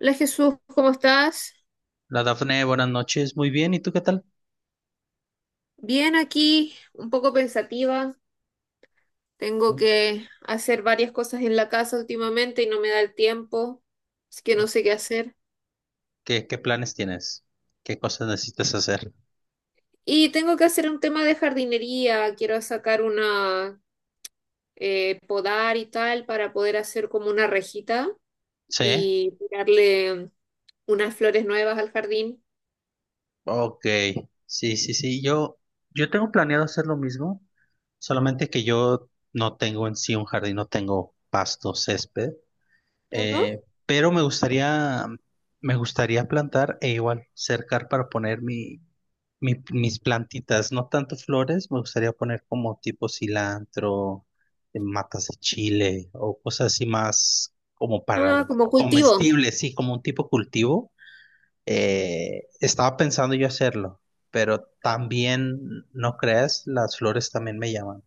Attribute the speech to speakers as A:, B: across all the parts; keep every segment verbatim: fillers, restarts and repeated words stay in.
A: Hola Jesús, ¿cómo estás?
B: La Dafne, buenas noches. Muy bien, ¿y tú qué tal?
A: Bien aquí, un poco pensativa. Tengo que hacer varias cosas en la casa últimamente y no me da el tiempo, así que no sé qué hacer.
B: ¿Qué, qué planes tienes? ¿Qué cosas necesitas hacer?
A: Y tengo que hacer un tema de jardinería, quiero sacar una eh, podar y tal para poder hacer como una rejita
B: ¿Sí?
A: y tirarle unas flores nuevas al jardín.
B: Ok. Sí, sí, sí. Yo, yo tengo planeado hacer lo mismo, solamente que yo no tengo en sí un jardín, no tengo pasto, césped,
A: Ajá.
B: eh, pero me gustaría, me gustaría plantar e igual cercar para poner mi, Mi- mis plantitas, no tanto flores. Me gustaría poner como tipo cilantro, eh, matas de chile o cosas así más como
A: Ah,
B: para
A: como cultivo.
B: comestibles, sí, como un tipo cultivo. Eh, estaba pensando yo hacerlo, pero también, no creas, las flores también me llaman.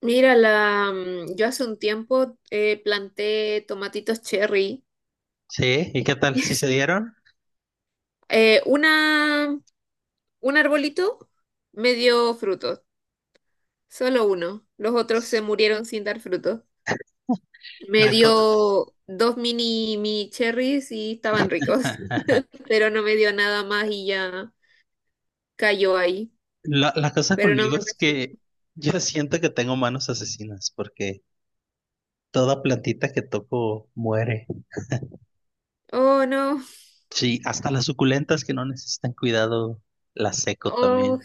A: Mira, la, mm, yo hace un tiempo eh, planté tomatitos cherry.
B: Sí, ¿y qué tal? ¿Si se dieron?
A: Eh, una, un arbolito me dio frutos, solo uno. Los otros se murieron sin dar frutos. Me
B: La, co-
A: dio dos mini, mini cherries y estaban ricos, pero no me dio nada más y ya cayó ahí.
B: la, la cosa
A: Pero no
B: conmigo
A: me
B: es
A: recibí.
B: que yo siento que tengo manos asesinas porque toda plantita que toco muere.
A: Oh, no.
B: Sí, hasta las suculentas que no necesitan cuidado, las seco
A: Oh,
B: también.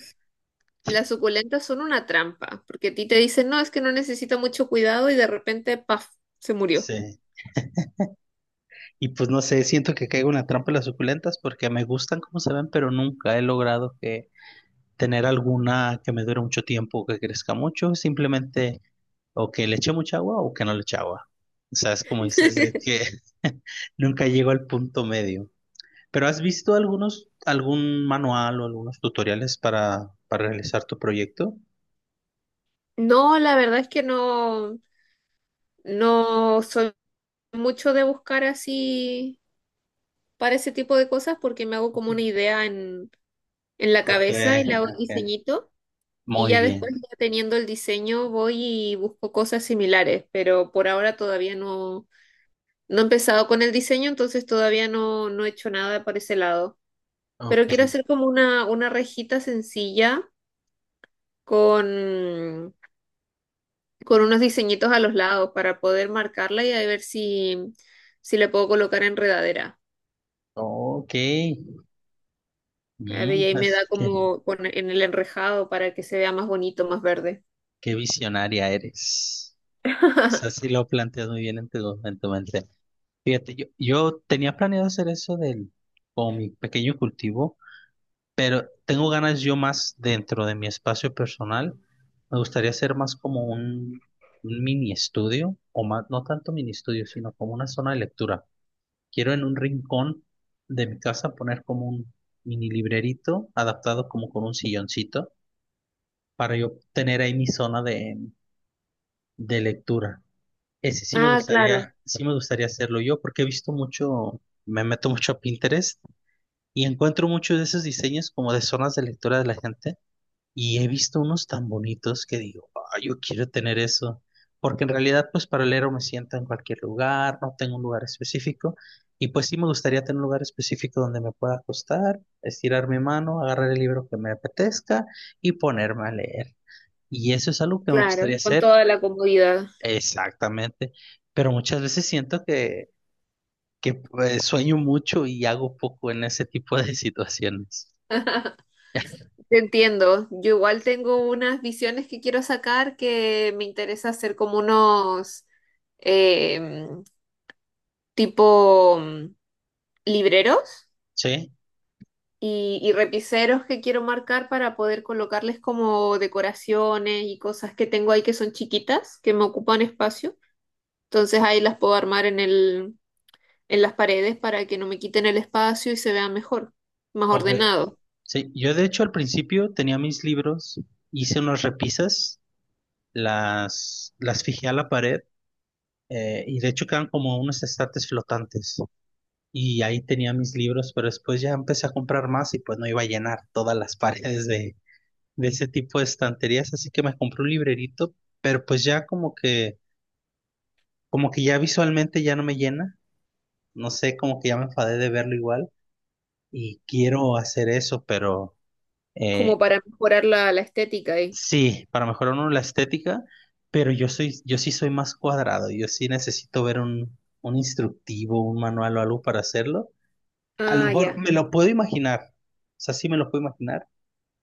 A: las suculentas son una trampa, porque a ti te dicen, no, es que no necesita mucho cuidado y de repente, paf, se murió.
B: Sí. Y pues no sé, siento que caigo en la trampa de las suculentas porque me gustan como se ven, pero nunca he logrado que tener alguna que me dure mucho tiempo o que crezca mucho, simplemente o que le eche mucha agua o que no le eche agua. O sea, es como dices de que nunca llego al punto medio. Pero ¿has visto algunos, algún manual o algunos tutoriales para, para realizar tu proyecto?
A: No, la verdad es que no, no soy mucho de buscar así para ese tipo de cosas porque me hago como una idea en, en la
B: Ok,
A: cabeza y le hago el
B: ok.
A: diseñito y
B: Muy
A: ya después
B: bien.
A: ya teniendo el diseño voy y busco cosas similares, pero por ahora todavía no, no he empezado con el diseño, entonces todavía no, no he hecho nada por ese lado.
B: Ok,
A: Pero quiero hacer como una, una rejita sencilla con, con unos diseñitos a los lados para poder marcarla y a ver si, si le puedo colocar enredadera.
B: ok.
A: Claro, y
B: Mm,
A: ahí me
B: es
A: da
B: que-
A: como con- en el enrejado para que se vea más bonito, más verde.
B: qué visionaria eres. O sea, sí lo planteas muy bien en tu, en tu mente. Fíjate, yo, yo tenía planeado hacer eso del, con mi pequeño cultivo, pero tengo ganas yo más dentro de mi espacio personal. Me gustaría hacer más como un, un mini estudio, o más, no tanto mini estudio, sino como una zona de lectura. Quiero en un rincón de mi casa poner como un mini librerito adaptado como con un silloncito para yo tener ahí mi zona de, de lectura. Ese sí me
A: Ah, claro,
B: gustaría, sí me gustaría hacerlo yo, porque he visto mucho, me meto mucho a Pinterest y encuentro muchos de esos diseños como de zonas de lectura de la gente, y he visto unos tan bonitos que digo: "Ah, yo quiero tener eso", porque en realidad, pues, para leer me siento en cualquier lugar, no tengo un lugar específico, y pues sí me gustaría tener un lugar específico donde me pueda acostar, estirar mi mano, agarrar el libro que me apetezca y ponerme a leer. Y eso es algo que me
A: claro,
B: gustaría
A: con
B: hacer.
A: toda la comodidad.
B: Exactamente. Pero muchas veces siento que, que pues, sueño mucho y hago poco en ese tipo de situaciones.
A: Te entiendo. Yo igual tengo unas visiones que quiero sacar que me interesa hacer como unos eh, tipo mm, libreros
B: Sí,
A: y, y repiseros que quiero marcar para poder colocarles como decoraciones y cosas que tengo ahí que son chiquitas, que me ocupan espacio. Entonces ahí las puedo armar en el, en las paredes para que no me quiten el espacio y se vea mejor, más
B: ok.
A: ordenado,
B: Sí, yo de hecho al principio tenía mis libros, hice unas repisas, las, las fijé a la pared, eh, y de hecho quedan como unos estantes flotantes. Y ahí tenía mis libros, pero después ya empecé a comprar más y pues no iba a llenar todas las paredes de de ese tipo de estanterías, así que me compré un librerito, pero pues ya como que, como que ya visualmente ya no me llena, no sé, como que ya me enfadé de verlo igual y quiero hacer eso, pero
A: como
B: eh,
A: para mejorar la, la estética ahí.
B: sí, para mejorar uno la estética, pero yo soy, yo sí soy más cuadrado, yo sí necesito ver un, un instructivo, un manual o algo para hacerlo. A lo
A: Ah,
B: mejor
A: ya.
B: me lo puedo imaginar, o sea, sí me lo puedo imaginar,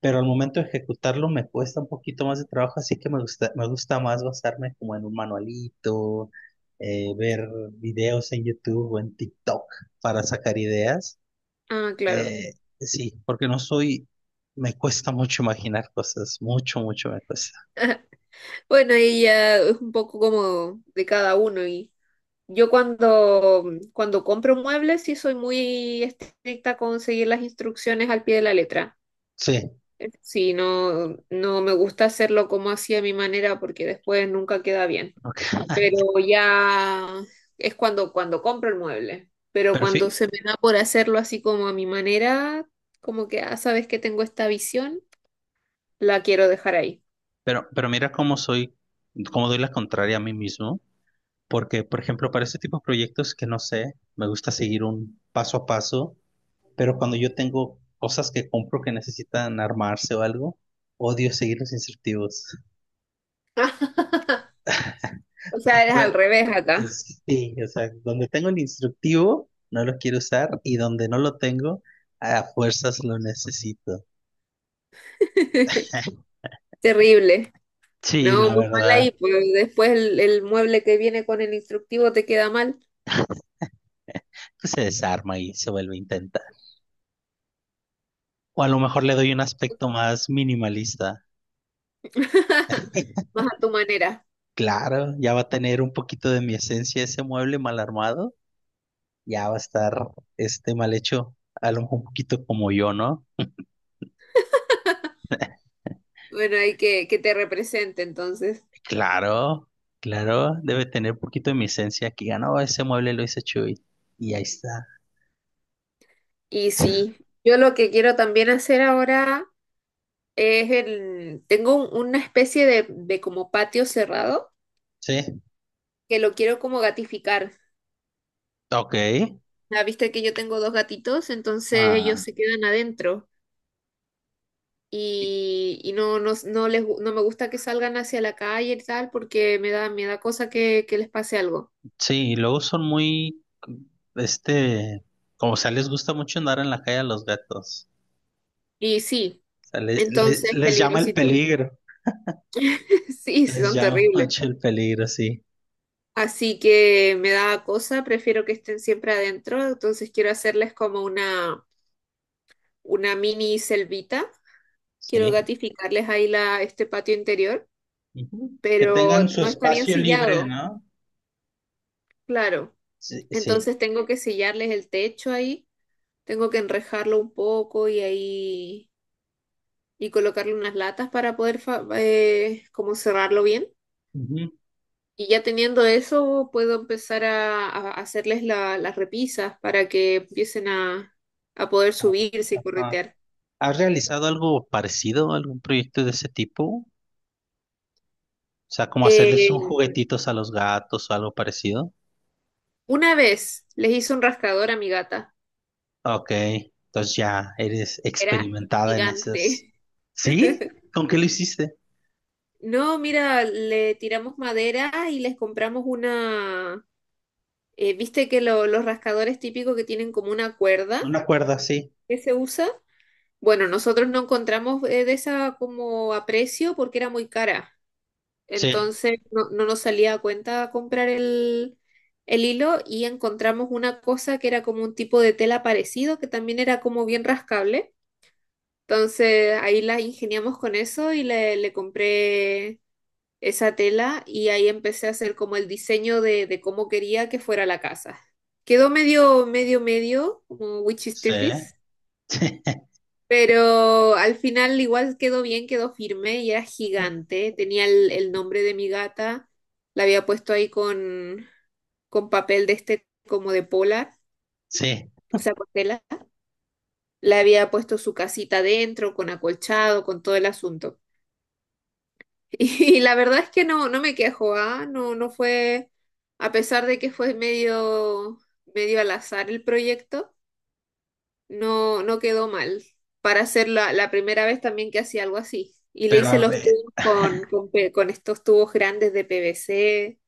B: pero al momento de ejecutarlo me cuesta un poquito más de trabajo, así que me gusta, me gusta más basarme como en un manualito, eh, ver videos en YouTube o en TikTok para sacar ideas.
A: Ah, claro.
B: Eh, sí, porque no soy, me cuesta mucho imaginar cosas, mucho, mucho me cuesta.
A: Bueno, ahí ya es un poco como de cada uno y yo cuando, cuando compro muebles sí soy muy estricta con seguir las instrucciones al pie de la letra.
B: Sí,
A: Sí, no, no me gusta hacerlo como así a mi manera porque después nunca queda bien.
B: ok.
A: Pero ya es cuando, cuando compro el mueble. Pero
B: Pero, fi-
A: cuando se me da por hacerlo así como a mi manera, como que, ah, sabes que tengo esta visión, la quiero dejar ahí.
B: pero, pero mira cómo soy, cómo doy la contraria a mí mismo, porque, por ejemplo, para este tipo de proyectos que no sé, me gusta seguir un paso a paso, pero cuando yo tengo cosas que compro que necesitan armarse o algo, odio seguir los instructivos.
A: O sea,
B: O
A: es al
B: sea,
A: revés acá.
B: es- sí, o sea, donde tengo el instructivo no lo quiero usar, y donde no lo tengo, a fuerzas lo necesito.
A: Terrible.
B: Sí,
A: No,
B: la
A: muy mal ahí,
B: verdad,
A: pues después el, el mueble que viene con el instructivo te queda mal.
B: pues se desarma y se vuelve a intentar. O a lo mejor le doy un aspecto más minimalista.
A: Más a tu manera.
B: Claro, ya va a tener un poquito de mi esencia ese mueble mal armado, ya va a estar este mal hecho, a lo mejor un poquito como yo, ¿no?
A: Bueno, hay que, que te represente entonces.
B: Claro, claro, debe tener poquito de mi esencia. Que ganó ese mueble, lo hice Chuy. Y ahí está.
A: Y sí, yo lo que quiero también hacer ahora es el, tengo un- una especie de, de como patio cerrado
B: Sí,
A: que lo quiero como gatificar.
B: ok.
A: Ya viste que yo tengo dos gatitos, entonces ellos
B: Ah,
A: se quedan adentro y, y no, no, no les, gu- no me gusta que salgan hacia la calle y tal porque me da, me da cosa que, que les pase algo.
B: sí, y luego son muy, este, como sea, les gusta mucho andar en la calle a los gatos.
A: Y sí,
B: O sea, le- le-
A: entonces
B: les llama el
A: peligrosito.
B: peligro,
A: Sí, sí,
B: les
A: son
B: llama
A: terribles.
B: mucho el peligro, sí,
A: Así que me da cosa, prefiero que estén siempre adentro, entonces quiero hacerles como una, una mini selvita. Quiero
B: sí.
A: gatificarles ahí la, este patio interior,
B: Ujú. Que
A: pero
B: tengan su
A: no está bien
B: espacio libre,
A: sellado,
B: ¿no?
A: claro.
B: Sí, sí.
A: Entonces tengo que sellarles el techo ahí, tengo que enrejarlo un poco y ahí y colocarle unas latas para poder fa- eh, como cerrarlo bien.
B: Ujú.
A: Y ya teniendo eso, puedo empezar a, a hacerles la- las repisas para que empiecen a, a poder subirse y
B: Ajá.
A: corretear.
B: ¿Has realizado algo parecido, algún proyecto de ese tipo? O sea, como hacerles un
A: Eh,
B: juguetitos a los gatos o algo parecido.
A: una vez les hice un rascador a mi gata,
B: Ok, entonces ya eres
A: era
B: experimentada en esas.
A: gigante.
B: ¿Sí? ¿Con qué lo hiciste?
A: No, mira, le tiramos madera y les compramos una... eh, ¿viste que lo- los rascadores típicos que tienen como una cuerda
B: ¿Una cuerda? Sí.
A: que se usa? Bueno, nosotros no encontramos eh, de esa como a precio porque era muy cara.
B: Sí,
A: Entonces no, no nos salía a cuenta comprar el, el hilo y encontramos una cosa que era como un tipo de tela parecido que también era como bien rascable. Entonces ahí la ingeniamos con eso y le, le compré esa tela y ahí empecé a hacer como el diseño de, de cómo quería que fuera la casa. Quedó medio, medio, medio, como witchy
B: sí,
A: striptease,
B: sí,
A: pero al final igual quedó bien, quedó firme y era gigante. Tenía el, el nombre de mi gata, la había puesto ahí con, con papel de este como de polar,
B: sí.
A: o sea, con tela. Le había puesto su casita dentro, con acolchado, con todo el asunto. Y la verdad es que no, no me quejo, ¿ah? No, no fue, a pesar de que fue medio, medio al azar el proyecto, no, no quedó mal. Para hacer la, la primera vez también que hacía algo así. Y le
B: Pero
A: hice
B: a
A: los
B: ver,
A: tubos con, con, pe- con estos tubos grandes de P V C,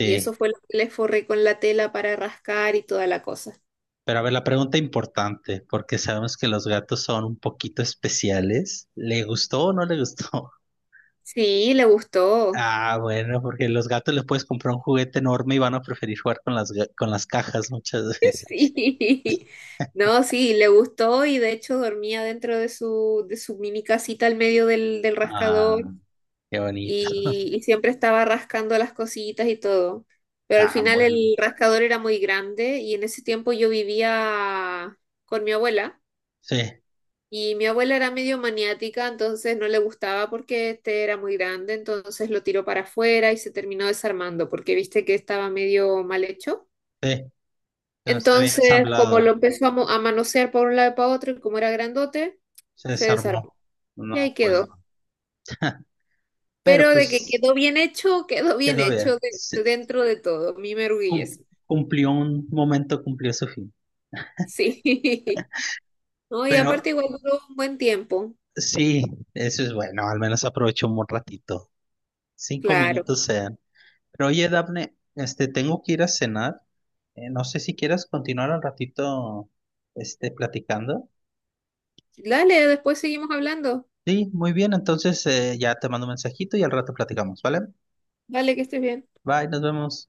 A: y eso fue lo que le forré con la tela para rascar y toda la cosa.
B: Pero a ver, la pregunta importante, porque sabemos que los gatos son un poquito especiales. ¿Le gustó o no le gustó?
A: Sí, le gustó.
B: Ah, bueno, porque los gatos les puedes comprar un juguete enorme y van a preferir jugar con las, ga- con las cajas muchas veces.
A: Sí. No, sí, le gustó y de hecho dormía dentro de su, de su mini casita al medio del, del rascador
B: Ah, qué bonito.
A: y, y siempre estaba rascando las cositas y todo. Pero al
B: Ah,
A: final
B: bueno.
A: el rascador era muy grande y en ese tiempo yo vivía con mi abuela
B: Sí,
A: y mi abuela era medio maniática, entonces no le gustaba porque este era muy grande, entonces lo tiró para afuera y se terminó desarmando porque viste que estaba medio mal hecho.
B: sí, pero está bien
A: Entonces, como lo
B: ensamblado.
A: empezamos a mo- a manosear por un lado y para otro, y como era grandote,
B: Se
A: se
B: desarmó.
A: desarmó. Y ahí
B: No, pues
A: quedó.
B: no. Pero
A: Pero de que
B: pues
A: quedó bien hecho, quedó bien
B: quedó
A: hecho
B: bien. Se-
A: de- dentro de todo. Mi
B: cum-
A: merguillez.
B: cumplió un momento, cumplió su fin.
A: Sí. No, y aparte
B: Pero
A: igual duró un buen tiempo.
B: sí, eso es bueno. Al menos aprovechó un ratito. Cinco
A: Claro.
B: minutos sean. Pero oye, Daphne, este, tengo que ir a cenar. Eh, no sé si quieras continuar un ratito, este, platicando.
A: Dale, después seguimos hablando.
B: Sí, muy bien. Entonces, eh, ya te mando un mensajito y al rato platicamos, ¿vale?
A: Dale, que estés bien.
B: Bye, nos vemos.